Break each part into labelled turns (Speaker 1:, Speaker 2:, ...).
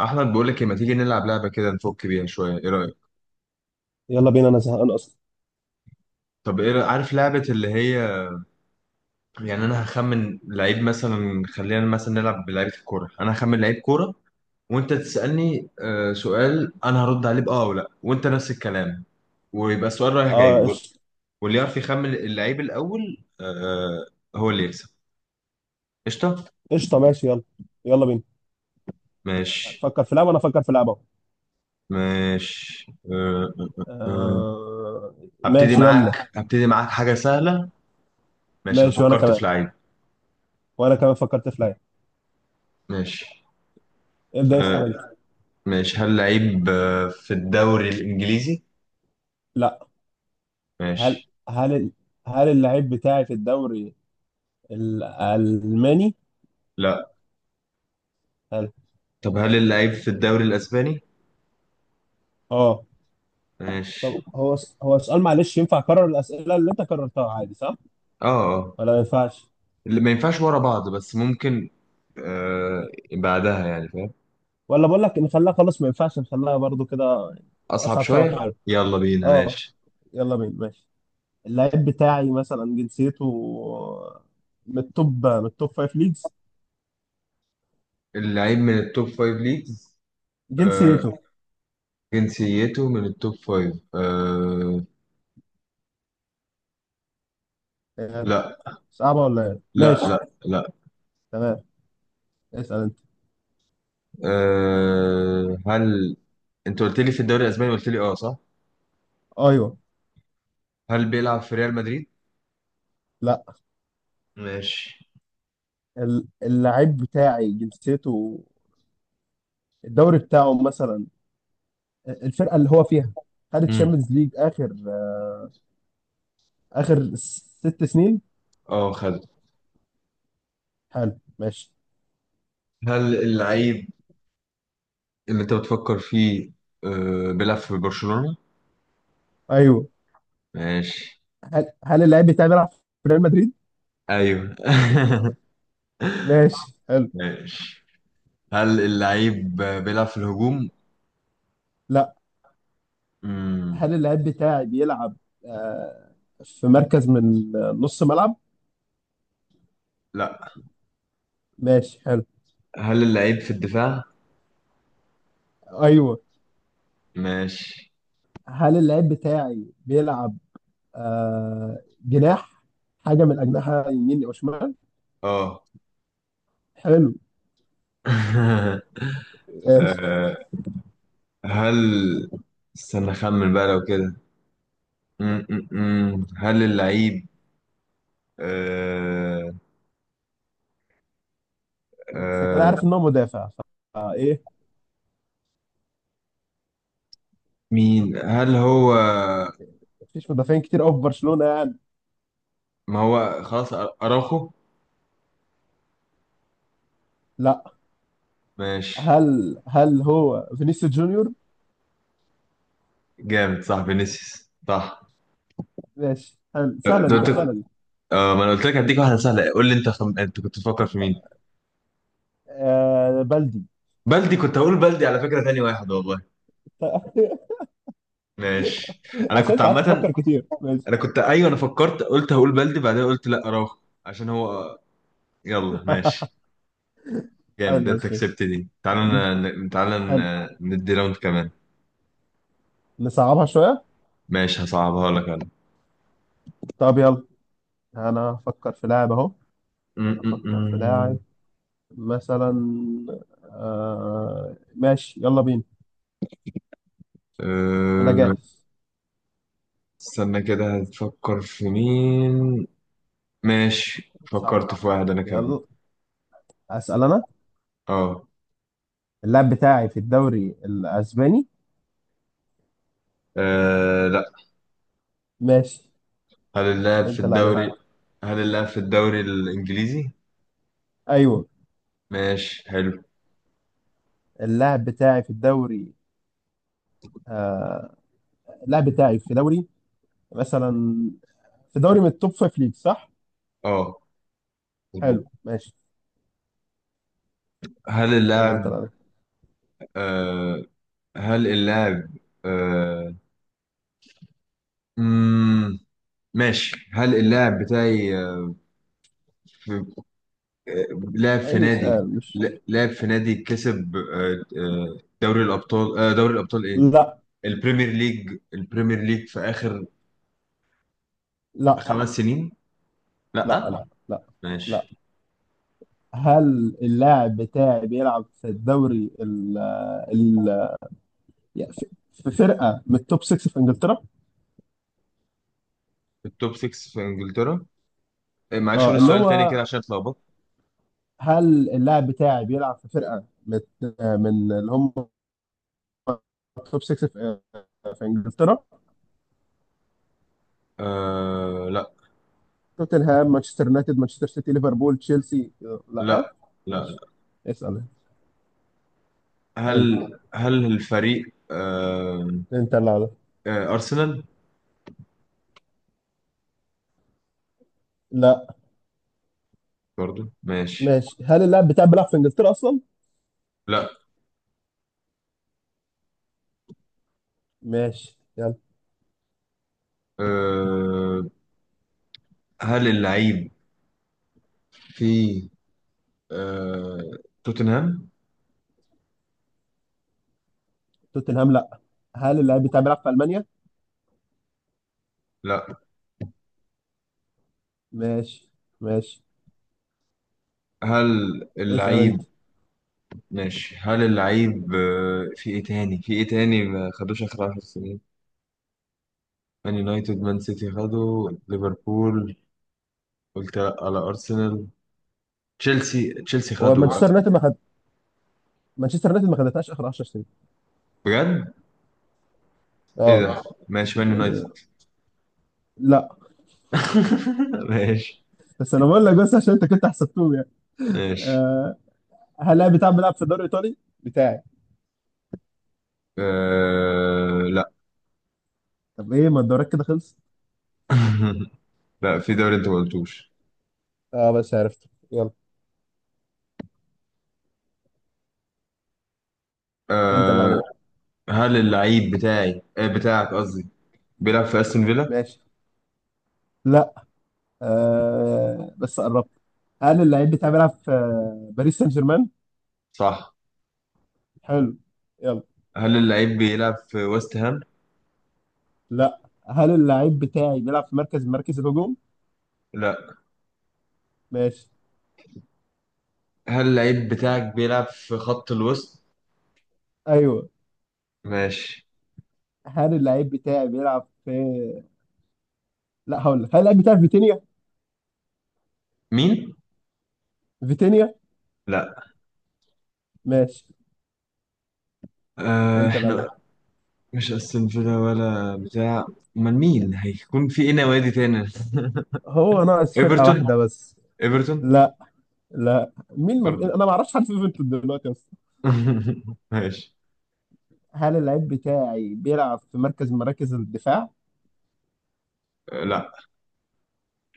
Speaker 1: احمد، بقول لك إيه، ما تيجي نلعب لعبه كده نفك بيها شويه، ايه رايك؟
Speaker 2: يلا بينا، انا زهقان اصلا.
Speaker 1: طب ايه رأيك؟ عارف لعبه اللي هي، يعني انا هخمن لعيب، مثلا خلينا مثلا نلعب بلعيبه الكوره، انا هخمن لعيب كوره. وانت تسالني سؤال، انا هرد عليه باه او لا، وانت نفس الكلام. ويبقى السؤال رايح جاي
Speaker 2: اه،
Speaker 1: و-
Speaker 2: قشطه.
Speaker 1: واللي يعرف يخمن اللعيب الاول هو اللي يكسب. قشطه.
Speaker 2: قشطه، ماشي، يلا. يلا بينا.
Speaker 1: ماشي.
Speaker 2: هتفكر في لعبه وانا افكر في لعبه.
Speaker 1: ماشي. آه. آه. آه. آه.
Speaker 2: آه.
Speaker 1: هبتدي
Speaker 2: ماشي، يلا.
Speaker 1: معاك هبتدي معاك حاجه سهله. ماشي انا
Speaker 2: ماشي وانا
Speaker 1: فكرت
Speaker 2: كمان
Speaker 1: في لعيب.
Speaker 2: وانا كمان فكرت في لعبه.
Speaker 1: ماشي.
Speaker 2: ابدا، اسال
Speaker 1: آه.
Speaker 2: انت.
Speaker 1: ماشي، هل لعيب في الدوري الإنجليزي؟
Speaker 2: لا. هل
Speaker 1: ماشي.
Speaker 2: هل ال- هل اللعيب بتاعي في الدوري الالماني؟
Speaker 1: لا.
Speaker 2: هل
Speaker 1: طب هل اللعيب في الدوري الأسباني؟
Speaker 2: اه.
Speaker 1: ماشي.
Speaker 2: طب هو سؤال، معلش ينفع اكرر الاسئله اللي انت كررتها عادي؟ صح
Speaker 1: اه. آه.
Speaker 2: ولا ما ينفعش؟
Speaker 1: اللي ما ينفعش ورا بعض، بس ممكن آه بعدها، يعني فاهم.
Speaker 2: ولا بقول لك نخليها، خلاص ما ينفعش، نخليها برضو كده.
Speaker 1: أصعب
Speaker 2: اصعب شويه،
Speaker 1: شوية؟
Speaker 2: حلو.
Speaker 1: يلا بينا
Speaker 2: اه.
Speaker 1: ماشي.
Speaker 2: يلا بينا، ماشي. اللعيب بتاعي مثلا، جنسيته من التوب فايف ليجز.
Speaker 1: اللعيب من التوب فايف ليجز آه
Speaker 2: جنسيته.
Speaker 1: جنسيته من التوب فايف.
Speaker 2: آه،
Speaker 1: لا.
Speaker 2: صعبة ولا ايه؟
Speaker 1: لا،
Speaker 2: ماشي.
Speaker 1: لا، لا.
Speaker 2: تمام. اسأل انت.
Speaker 1: هل انت قلت لي في الدوري الاسباني؟ قلت لي اه، صح؟
Speaker 2: ايوه.
Speaker 1: هل بيلعب في ريال مدريد؟
Speaker 2: لا.
Speaker 1: ماشي.
Speaker 2: اللعيب بتاعي جنسيته، الدوري بتاعه مثلا، الفرقة اللي هو فيها خدت
Speaker 1: امم.
Speaker 2: شامبيونز ليج اخر ست سنين.
Speaker 1: اه خد.
Speaker 2: حلو، ماشي.
Speaker 1: هل اللعيب اللي انت بتفكر فيه بيلعب في برشلونة؟
Speaker 2: ايوه.
Speaker 1: ماشي.
Speaker 2: هل اللعيب بتاعي بيلعب في ريال مدريد؟
Speaker 1: ايوه.
Speaker 2: ماشي، حلو.
Speaker 1: ماشي. هل اللعيب بيلعب في الهجوم؟
Speaker 2: لا.
Speaker 1: مم.
Speaker 2: هل اللعيب بتاعي بيلعب آه، في مركز من نص ملعب؟
Speaker 1: لا،
Speaker 2: ماشي، حلو.
Speaker 1: هل اللعيب في الدفاع؟
Speaker 2: ايوه.
Speaker 1: ماشي.
Speaker 2: هل اللاعب بتاعي بيلعب جناح، حاجه من اجنحه يمين او شمال؟
Speaker 1: اه.
Speaker 2: حلو، ماشي.
Speaker 1: آه، هل، استنى اخمن بقى لو كده. هل اللعيب آه...
Speaker 2: انت كده
Speaker 1: آه...
Speaker 2: عارف ان هو مدافع. فايه
Speaker 1: مين؟ هل هو؟
Speaker 2: مفيش مدافعين كتير قوي في برشلونه يعني.
Speaker 1: ما هو خلاص، أراخو.
Speaker 2: لا.
Speaker 1: ماشي.
Speaker 2: هل هو فينيسيوس جونيور؟
Speaker 1: جامد، صح؟ فينيسيوس صح؟
Speaker 2: ماشي، حلو، سهله
Speaker 1: أنت
Speaker 2: دي،
Speaker 1: قلت
Speaker 2: كانت
Speaker 1: اه.
Speaker 2: سهله دي.
Speaker 1: ما انا قلت لك هديك واحده سهله. قول لي انت انت كنت بتفكر في مين؟
Speaker 2: آه بلدي.
Speaker 1: بلدي! كنت هقول بلدي على فكره تاني واحد، والله. ماشي. انا
Speaker 2: عشان
Speaker 1: كنت
Speaker 2: انت قعدت
Speaker 1: عامه.
Speaker 2: تفكر كتير، ماشي.
Speaker 1: انا كنت، ايوه، انا فكرت قلت هقول بلدي، بعدين قلت لا، اراوخو عشان هو. يلا ماشي.
Speaker 2: حلو،
Speaker 1: جامد، انت
Speaker 2: ماشي، ماشي.
Speaker 1: كسبت دي.
Speaker 2: آه.
Speaker 1: تعالى
Speaker 2: حلو.
Speaker 1: ندي راوند كمان.
Speaker 2: نصعبها شويه.
Speaker 1: ماشي هصعبها لك انا.
Speaker 2: طب يلا. انا افكر في لاعب اهو
Speaker 1: م- م-
Speaker 2: افكر في
Speaker 1: م.
Speaker 2: لاعب مثلا. آه، ماشي، يلا بينا. انا
Speaker 1: أه،
Speaker 2: جاهز.
Speaker 1: استنى كده، هتفكر في مين؟ ماشي
Speaker 2: صعب.
Speaker 1: فكرت في واحد انا كمان.
Speaker 2: يلا. اسال انا.
Speaker 1: اه.
Speaker 2: اللاعب بتاعي في الدوري الاسباني.
Speaker 1: لا.
Speaker 2: ماشي.
Speaker 1: هل اللاعب في
Speaker 2: انت اللي عليك.
Speaker 1: الدوري هل اللاعب في الدوري الإنجليزي؟
Speaker 2: ايوه.
Speaker 1: ماشي حلو.
Speaker 2: اللاعب بتاعي في الدوري آه اللاعب بتاعي في دوري مثلا، في دوري من التوب فايف ليج، صح؟
Speaker 1: اه
Speaker 2: حلو،
Speaker 1: مظبوط.
Speaker 2: ماشي.
Speaker 1: هل
Speaker 2: يلا، انت اللي
Speaker 1: اللاعب
Speaker 2: عليك.
Speaker 1: آه هل اللاعب آه مم ماشي، هل اللاعب بتاعي في، آه، لاعب في
Speaker 2: اي
Speaker 1: نادي،
Speaker 2: سؤال مش...
Speaker 1: لاعب في نادي كسب، دوري الأبطال، دوري الأبطال إيه؟
Speaker 2: لا،
Speaker 1: البريمير ليج، في آخر
Speaker 2: لا،
Speaker 1: 5 سنين؟
Speaker 2: لا.
Speaker 1: لا.
Speaker 2: لا، لا، لا.
Speaker 1: ماشي.
Speaker 2: هل اللاعب بتاعي بيلعب في الدوري يعني في فرقه من التوب 6 في انجلترا؟
Speaker 1: التوب 6 في إنجلترا. معلش قول
Speaker 2: اه، اللي
Speaker 1: السؤال تاني
Speaker 2: هو،
Speaker 1: كده عشان اتلخبطت.
Speaker 2: هل اللاعب بتاعي بيلعب في فرقه من اللي هم التوب 6 في انجلترا؟
Speaker 1: لا.
Speaker 2: توتنهام، مانشستر يونايتد، مانشستر سيتي، ليفربول، تشيلسي. لا.
Speaker 1: لا، لا.
Speaker 2: ماشي. اسال. حلو.
Speaker 1: هل هل الفريق
Speaker 2: انت اللي عليك.
Speaker 1: أرسنال؟
Speaker 2: لا.
Speaker 1: برضو ماشي.
Speaker 2: ماشي. هل اللاعب بتاعي بيلعب في انجلترا اصلا؟
Speaker 1: لا.
Speaker 2: ماشي، يلا.
Speaker 1: آه هل اللعيب في آه توتنهام؟
Speaker 2: توتنهام؟ لا. هل اللاعب بتاعي بيلعب في المانيا؟
Speaker 1: لا.
Speaker 2: ماشي. ماشي.
Speaker 1: هل
Speaker 2: اسال انت.
Speaker 1: اللعيب؟ ماشي، هل اللعيب في ايه تاني، ما خدوش آخر 10 سنين؟ مان يونايتد، مان سيتي خدوا، ليفربول، قلت لا على أرسنال، تشيلسي
Speaker 2: هو
Speaker 1: خدوا
Speaker 2: مانشستر
Speaker 1: آخر.
Speaker 2: يونايتد ما خد مانشستر يونايتد ما خدتهاش اخر 10 سنين.
Speaker 1: بجد؟ ايه
Speaker 2: اه.
Speaker 1: ده؟ ماشي مان يونايتد.
Speaker 2: يعني، لا.
Speaker 1: ماشي.
Speaker 2: بس انا بقول لك بس عشان انت كنت حسبتهم يعني.
Speaker 1: ماشي.
Speaker 2: آه. هل لاعب بتاع بيلعب في الدوري الايطالي؟ بتاعي.
Speaker 1: لا.
Speaker 2: طب ايه؟ ما الدوريات كده خلصت.
Speaker 1: لا، في دوري انت ما قلتوش.
Speaker 2: اه بس عرفته، يلا. انت اللي
Speaker 1: أه...
Speaker 2: عليك.
Speaker 1: هل اللعيب بتاعي، بتاعك قصدي، بيلعب في استون فيلا؟
Speaker 2: ماشي. لا. آه بس قربت. هل اللعيب بتاعي بيلعب في باريس سان جيرمان؟
Speaker 1: صح.
Speaker 2: حلو، يلا.
Speaker 1: هل اللعيب بيلعب في ويست هام؟
Speaker 2: لا. هل اللعيب بتاعي بيلعب في مركز الهجوم؟
Speaker 1: لا.
Speaker 2: ماشي.
Speaker 1: هل اللعيب بتاعك بيلعب في خط الوسط؟
Speaker 2: ايوه.
Speaker 1: ماشي.
Speaker 2: هل اللعيب بتاعي بيلعب في لا، هقول لك، هل اللعيب بتاعي في فيتينيا؟
Speaker 1: مين؟
Speaker 2: فيتينيا؟
Speaker 1: لا.
Speaker 2: ماشي. انت اللي
Speaker 1: احنا،
Speaker 2: عليك.
Speaker 1: مش استون فيلا ولا بتاع، امال مين هيكون؟ في ايه نوادي تاني؟
Speaker 2: هو ناقص فرقة
Speaker 1: ايفرتون.
Speaker 2: واحدة بس.
Speaker 1: ايفرتون؟
Speaker 2: لا. لا، مين، ما
Speaker 1: برضو.
Speaker 2: انا ما اعرفش حد في يوفنتوس دلوقتي اصلا.
Speaker 1: ماشي.
Speaker 2: هل اللعيب بتاعي بيلعب في مركز من مراكز الدفاع؟
Speaker 1: لا.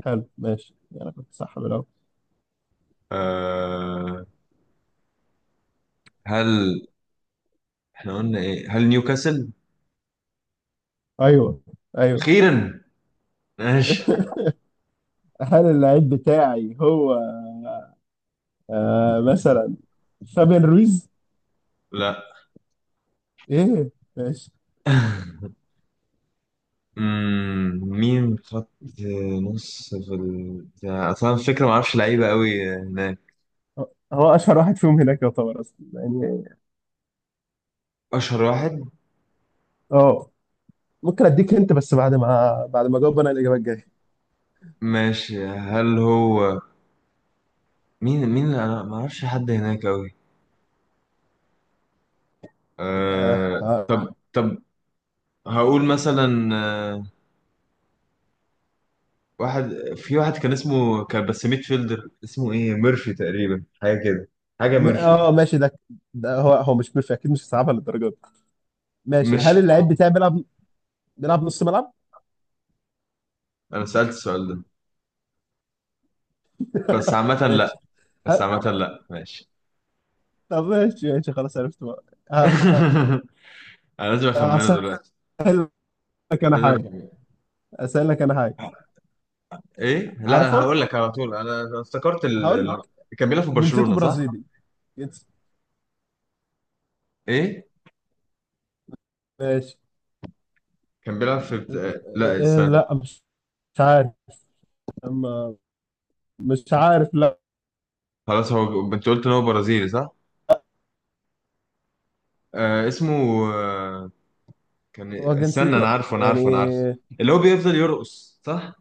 Speaker 2: حلو، ماشي. انا كنت صح بالاول.
Speaker 1: أه هل احنا قلنا ايه؟ هل نيوكاسل؟
Speaker 2: ايوه. ايوه.
Speaker 1: اخيرا! ماشي.
Speaker 2: هل اللعيب بتاعي هو مثلا فابين رويز؟
Speaker 1: لا.
Speaker 2: ايه. ماشي.
Speaker 1: مين خط نص في اصلا الفكره ما اعرفش لعيبه قوي هناك.
Speaker 2: هو اشهر واحد فيهم هناك يعتبر اصلا يعني.
Speaker 1: اشهر واحد.
Speaker 2: اه. ممكن اديك انت بس بعد ما اجاوب انا الاجابه الجايه.
Speaker 1: ماشي. هل هو؟ مين اللي، انا ما اعرفش حد هناك قوي.
Speaker 2: اه، اه.
Speaker 1: طب هقول مثلا آه، واحد، في واحد كان اسمه، كان بس ميد فيلدر، اسمه ايه؟ ميرفي تقريبا، حاجه كده، حاجه ميرفي.
Speaker 2: ماشي. ده هو، مش اكيد، مش صعبها للدرجه دي. ماشي. هل
Speaker 1: مش،
Speaker 2: اللعيب بتاعي بيلعب، نلعب نص ملعب؟
Speaker 1: انا سألت السؤال ده. بس عامة
Speaker 2: ماشي.
Speaker 1: لا. بس
Speaker 2: ه-
Speaker 1: عامة لا. ماشي.
Speaker 2: طب ماشي، ماشي، خلاص عرفت بقى. ه-
Speaker 1: انا لازم اخمنه
Speaker 2: هسهل
Speaker 1: دلوقتي.
Speaker 2: لك انا
Speaker 1: لازم
Speaker 2: حاجه
Speaker 1: اخمنه.
Speaker 2: هسهل لك انا حاجه.
Speaker 1: ايه، لا، انا
Speaker 2: عارفه.
Speaker 1: هقول لك على طول. انا افتكرت
Speaker 2: هقول لك.
Speaker 1: كان بيلعب في
Speaker 2: جنسيته
Speaker 1: برشلونة، صح؟
Speaker 2: برازيلي. جنس
Speaker 1: ايه.
Speaker 2: ماشي.
Speaker 1: كان بيلعب في
Speaker 2: إيه-
Speaker 1: لا
Speaker 2: إيه-
Speaker 1: استنى.
Speaker 2: لا، مش عارف. أما، مش عارف، لا.
Speaker 1: خلاص هو، انت قلت ان هو برازيلي صح. اسمه آه كان،
Speaker 2: هو
Speaker 1: استنى، انا
Speaker 2: جنسيته
Speaker 1: عارفه انا
Speaker 2: يعني.
Speaker 1: عارفه انا عارفه اللي هو بيفضل يرقص صح؟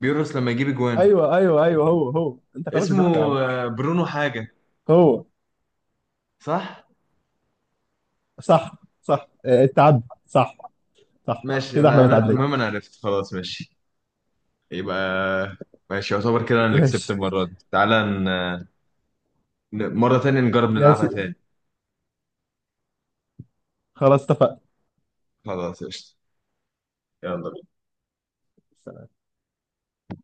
Speaker 1: بيرقص لما يجيب اجوان.
Speaker 2: ايوه، ايوه، ايوه. هو، انت خلاص جبت يا
Speaker 1: اسمه
Speaker 2: عم.
Speaker 1: برونو حاجة،
Speaker 2: هو.
Speaker 1: صح؟
Speaker 2: صح. صح، إيه، اتعد صح. صح
Speaker 1: ماشي.
Speaker 2: كده، احنا
Speaker 1: انا
Speaker 2: متعدين.
Speaker 1: المهم انا عرفت خلاص. ماشي. يبقى ماشي. يعتبر كده انا اللي كسبت
Speaker 2: ماشي.
Speaker 1: المره دي. تعالى مره تانية نجرب نلعبها
Speaker 2: ماشي،
Speaker 1: تاني.
Speaker 2: خلاص اتفقنا.
Speaker 1: خلاص قشطة. يلا.